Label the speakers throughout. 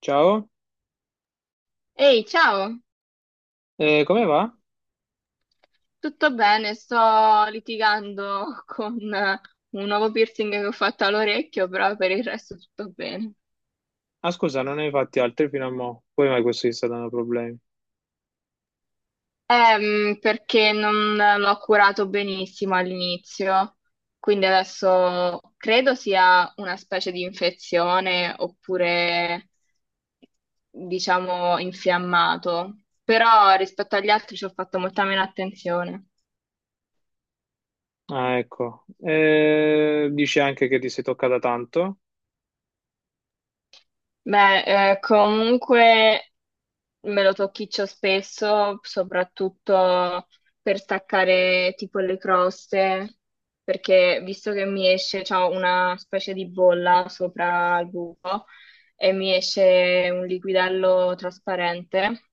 Speaker 1: Ciao.
Speaker 2: Ehi, ciao,
Speaker 1: Come va?
Speaker 2: tutto bene? Sto litigando con un nuovo piercing che ho fatto all'orecchio, però per il resto tutto bene.
Speaker 1: Ah, scusa, non ne hai fatti altri fino a mo'. Poi mai questo ti sta dando problemi.
Speaker 2: Perché non l'ho curato benissimo all'inizio, quindi adesso credo sia una specie di infezione oppure, diciamo, infiammato, però rispetto agli altri ci ho fatto molta meno attenzione.
Speaker 1: Ah, ecco. Dici anche che ti sei toccata tanto.
Speaker 2: Beh, comunque, me lo tocchiccio spesso, soprattutto per staccare tipo le croste, perché visto che mi esce, c'ho una specie di bolla sopra il buco e mi esce un liquidello trasparente,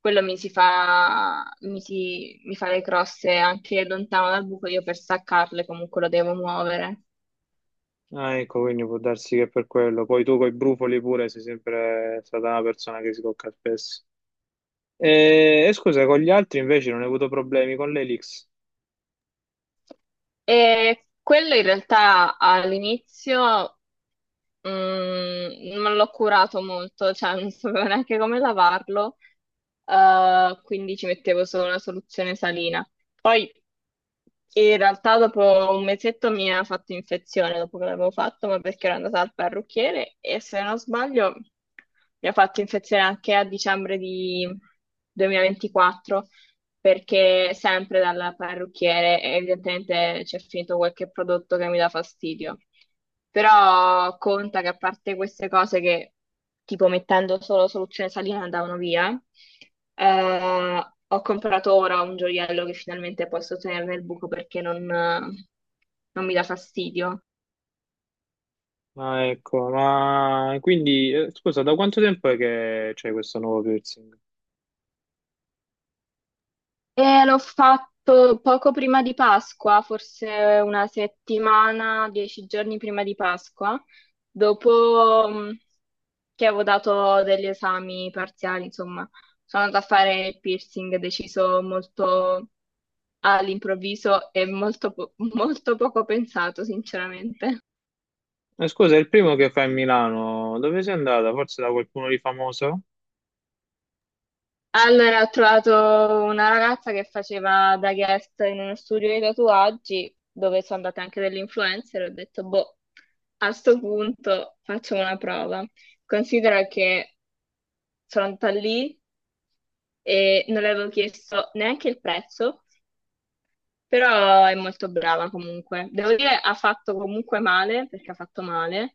Speaker 2: quello mi si fa, mi fa le croste anche lontano dal buco, io per staccarle comunque lo devo muovere.
Speaker 1: Ah, ecco, quindi può darsi che per quello. Poi tu coi brufoli pure sei sempre stata una persona che si tocca spesso. E scusa, con gli altri invece non hai avuto problemi con l'Elix.
Speaker 2: E quello in realtà all'inizio non l'ho curato molto, cioè non sapevo neanche come lavarlo, quindi ci mettevo solo una soluzione salina. Poi in realtà dopo un mesetto mi ha fatto infezione dopo che l'avevo fatto, ma perché ero andata al parrucchiere e se non sbaglio mi ha fatto infezione anche a dicembre di 2024, perché sempre dal parrucchiere evidentemente c'è finito qualche prodotto che mi dà fastidio. Però conta che a parte queste cose che tipo mettendo solo soluzione salina andavano via, ho comprato ora un gioiello che finalmente posso tenere nel buco perché non mi dà fastidio.
Speaker 1: Ah, ecco, ma quindi, scusa, da quanto tempo è che c'è questo nuovo piercing?
Speaker 2: E l'ho fatto poco prima di Pasqua, forse una settimana, 10 giorni prima di Pasqua, dopo che avevo dato degli esami parziali, insomma, sono andata a fare il piercing, deciso molto all'improvviso e molto, molto poco pensato, sinceramente.
Speaker 1: Scusa, è il primo che fa a Milano. Dove sei andata? Forse da qualcuno di famoso?
Speaker 2: Allora, ho trovato una ragazza che faceva da guest in uno studio di tatuaggi dove sono andate anche delle influencer e ho detto, boh, a sto punto faccio una prova. Considera che sono andata lì e non le avevo chiesto neanche il prezzo, però è molto brava comunque. Devo dire, ha fatto comunque male, perché ha fatto male,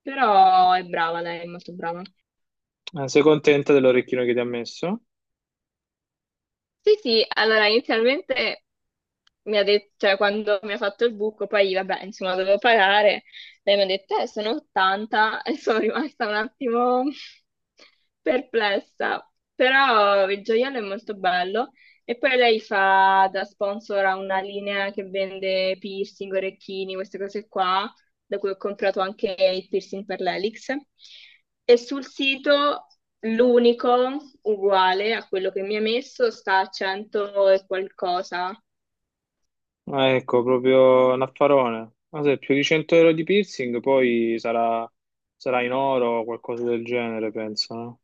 Speaker 2: però è brava lei, è molto brava.
Speaker 1: Ma sei contenta dell'orecchino che ti ha messo?
Speaker 2: Sì, sì, allora inizialmente mi ha detto, cioè quando mi ha fatto il buco, poi vabbè, insomma, dovevo pagare, lei mi ha detto, sono 80 e sono rimasta un attimo perplessa, però il gioiello è molto bello e poi lei fa da sponsor a una linea che vende piercing, orecchini, queste cose qua, da cui ho comprato anche il piercing per l'elix. E sul sito l'unico uguale a quello che mi ha messo sta a 100 e qualcosa.
Speaker 1: Ah, ecco, proprio un affarone. Ma se è più di 100 euro di piercing, poi sarà, sarà in oro o qualcosa del genere, penso, no?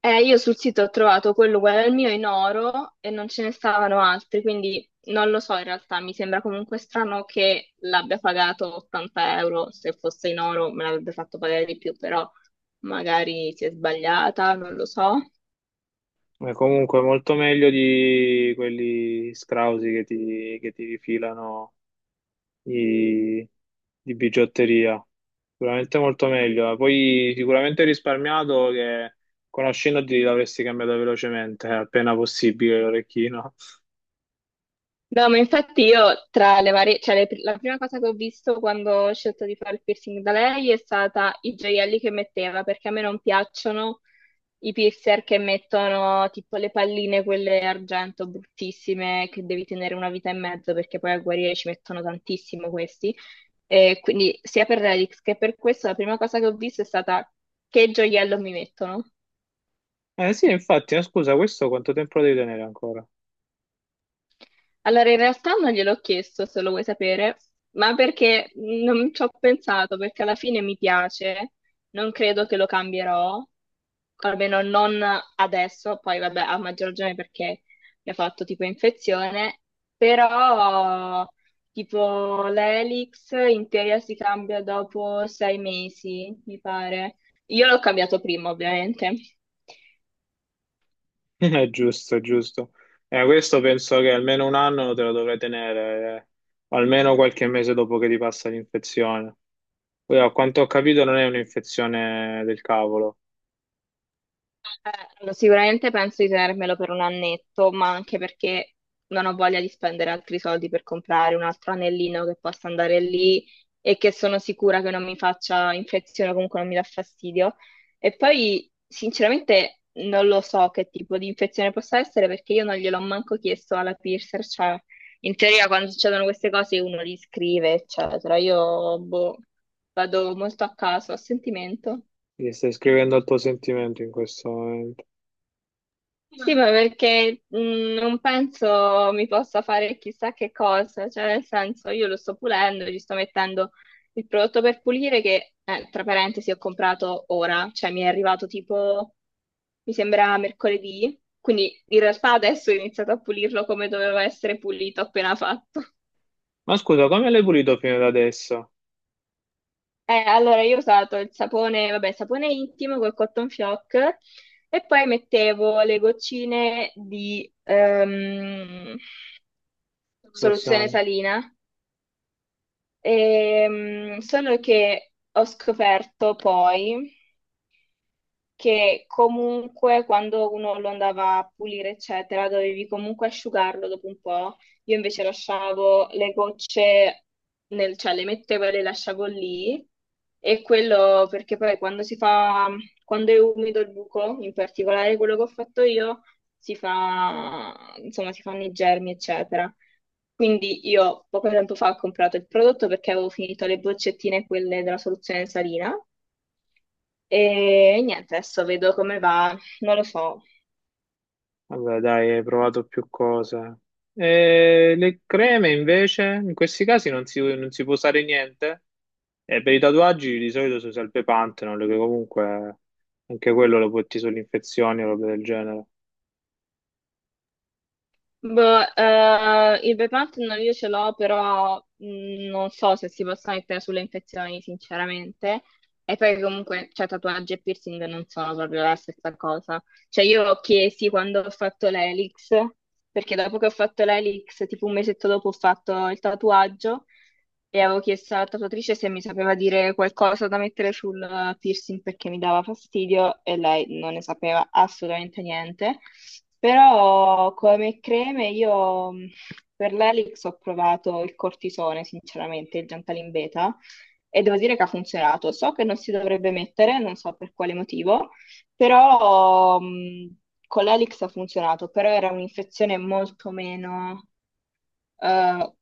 Speaker 2: Io sul sito ho trovato quello uguale al mio in oro e non ce ne stavano altri, quindi non lo so in realtà, mi sembra comunque strano che l'abbia pagato 80 euro; se fosse in oro me l'avrebbe fatto pagare di più, però magari si è sbagliata, non lo so.
Speaker 1: Ma comunque molto meglio di quelli scrausi che ti rifilano i- di bigiotteria. Sicuramente molto meglio. Poi sicuramente hai risparmiato che conoscendoti l'avresti cambiato velocemente, appena possibile l'orecchino.
Speaker 2: No, ma infatti io tra le varie, cioè la prima cosa che ho visto quando ho scelto di fare il piercing da lei è stata i gioielli che metteva, perché a me non piacciono i piercer che mettono tipo le palline, quelle argento bruttissime, che devi tenere una vita e mezzo, perché poi a guarire ci mettono tantissimo questi. E quindi sia per Relix che per questo la prima cosa che ho visto è stata che gioiello mi mettono.
Speaker 1: Eh sì, infatti, scusa, questo quanto tempo lo devi tenere ancora?
Speaker 2: Allora, in realtà non gliel'ho chiesto, se lo vuoi sapere, ma perché non ci ho pensato, perché alla fine mi piace, non credo che lo cambierò, almeno non adesso, poi vabbè, a maggior ragione perché mi ha fatto tipo infezione, però tipo l'elix in teoria si cambia dopo 6 mesi, mi pare. Io l'ho cambiato prima, ovviamente.
Speaker 1: È giusto, è giusto. Questo penso che almeno un anno te lo dovrai tenere, o almeno qualche mese dopo che ti passa l'infezione. Poi, a quanto ho capito, non è un'infezione del cavolo.
Speaker 2: Eh, allora, sicuramente penso di tenermelo per un annetto, ma anche perché non ho voglia di spendere altri soldi per comprare un altro anellino che possa andare lì e che sono sicura che non mi faccia infezione o comunque non mi dà fastidio. E poi, sinceramente, non lo so che tipo di infezione possa essere perché io non gliel'ho manco chiesto alla piercer, cioè in teoria quando succedono queste cose uno li scrive, eccetera. Io, boh, vado molto a caso, a sentimento.
Speaker 1: Ti stai scrivendo al tuo sentimento in questo momento.
Speaker 2: Sì, ma perché non penso mi possa fare chissà che cosa, cioè nel senso io lo sto pulendo, gli sto mettendo il prodotto per pulire che, tra parentesi, ho comprato ora, cioè mi è arrivato tipo, mi sembra mercoledì, quindi in realtà adesso ho iniziato a pulirlo come doveva essere pulito appena fatto.
Speaker 1: Ma scusa, come l'hai pulito fino ad adesso?
Speaker 2: Allora io ho usato il sapone, vabbè, il sapone intimo col cotton fioc, e poi mettevo le goccine di, soluzione
Speaker 1: Sorsiano.
Speaker 2: salina. Solo che ho scoperto poi che comunque quando uno lo andava a pulire, eccetera, dovevi comunque asciugarlo dopo un po'. Io invece lasciavo le gocce nel, cioè le mettevo e le lasciavo lì. E quello perché poi quando si fa, quando è umido il buco, in particolare quello che ho fatto io, si fa, insomma, si fanno i germi, eccetera. Quindi io poco tempo fa ho comprato il prodotto perché avevo finito le boccettine, quelle della soluzione salina, e niente, adesso vedo come va, non lo so.
Speaker 1: Vabbè, dai, hai provato più cose. E le creme invece, in questi casi non si può usare niente. E per i tatuaggi di solito si usa il Pepanthenol, che comunque anche quello lo può ti sulle infezioni o roba del genere.
Speaker 2: Boh, il Bepanthen io ce l'ho, però non so se si possa mettere sulle infezioni, sinceramente. E poi comunque, cioè, tatuaggi e piercing non sono proprio la stessa cosa. Cioè io chiesi quando ho fatto l'elix, perché dopo che ho fatto l'elix, tipo un mesetto dopo ho fatto il tatuaggio, e avevo chiesto alla tatuatrice se mi sapeva dire qualcosa da mettere sul piercing perché mi dava fastidio, e lei non ne sapeva assolutamente niente. Però come creme io per l'elix ho provato il cortisone, sinceramente, il Gentalin Beta, e devo dire che ha funzionato. So che non si dovrebbe mettere, non so per quale motivo, però con l'Elix ha funzionato, però era un'infezione eh,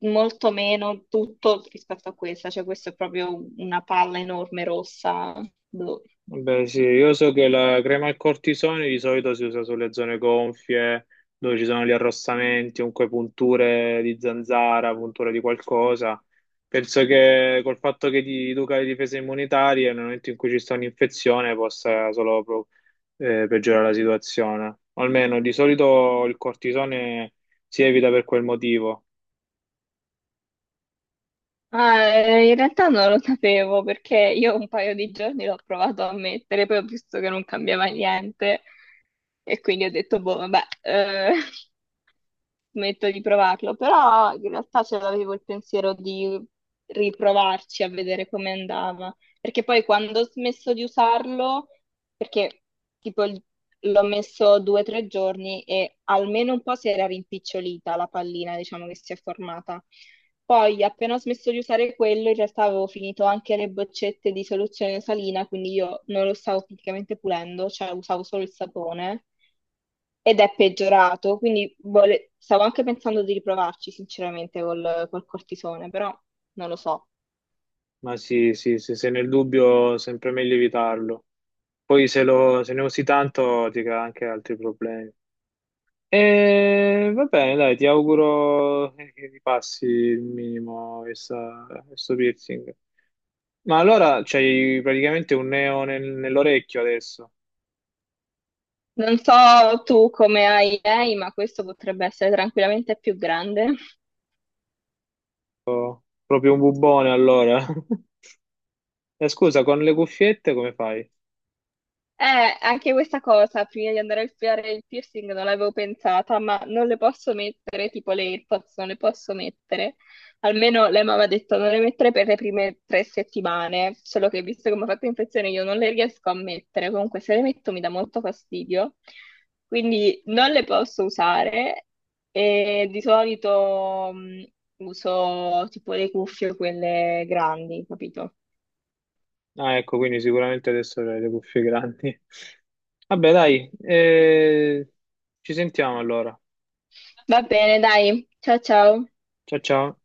Speaker 2: molto meno tutto rispetto a questa, cioè questa è proprio una palla enorme rossa. Blu.
Speaker 1: Beh, sì, io so che la crema al cortisone di solito si usa sulle zone gonfie, dove ci sono gli arrossamenti, comunque punture di zanzara, punture di qualcosa. Penso che col fatto che ti educa le difese immunitarie, nel momento in cui ci sta un'infezione, possa solo peggiorare la situazione. O almeno di solito il cortisone si evita per quel motivo,
Speaker 2: Ah, in realtà non lo sapevo, perché io un paio di giorni l'ho provato a mettere, poi ho visto che non cambiava niente e quindi ho detto, boh, vabbè, smetto di provarlo, però in realtà ce l'avevo il pensiero di riprovarci a vedere come andava. Perché poi quando ho smesso di usarlo, perché tipo l'ho messo 2 o 3 giorni e almeno un po' si era rimpicciolita la pallina, diciamo, che si è formata. Poi, appena ho smesso di usare quello, in realtà avevo finito anche le boccette di soluzione salina, quindi io non lo stavo praticamente pulendo, cioè usavo solo il sapone, ed è peggiorato, quindi stavo anche pensando di riprovarci sinceramente col cortisone, però non lo so.
Speaker 1: ma sì, sì, sì, se nel dubbio, sempre meglio evitarlo. Poi se ne usi tanto ti crea anche altri problemi. E va bene, dai, ti auguro che ti passi il minimo questo piercing. Ma allora c'hai praticamente un neo nell'orecchio adesso,
Speaker 2: Non so tu come hai idee, ma questo potrebbe essere tranquillamente più grande.
Speaker 1: proprio un bubone allora. Scusa, con le cuffiette come fai?
Speaker 2: Anche questa cosa, prima di andare a fare il piercing non l'avevo pensata, ma non le posso mettere, tipo le AirPods non le posso mettere. Almeno lei mi aveva detto non le mettere per le prime 3 settimane, solo che visto che mi ha fatto infezione io non le riesco a mettere, comunque se le metto mi dà molto fastidio, quindi non le posso usare e di solito uso tipo le cuffie quelle grandi, capito?
Speaker 1: Ah, ecco, quindi sicuramente adesso hai le cuffie grandi. Vabbè, dai, ci sentiamo allora.
Speaker 2: Va bene, dai, ciao ciao.
Speaker 1: Ciao, ciao.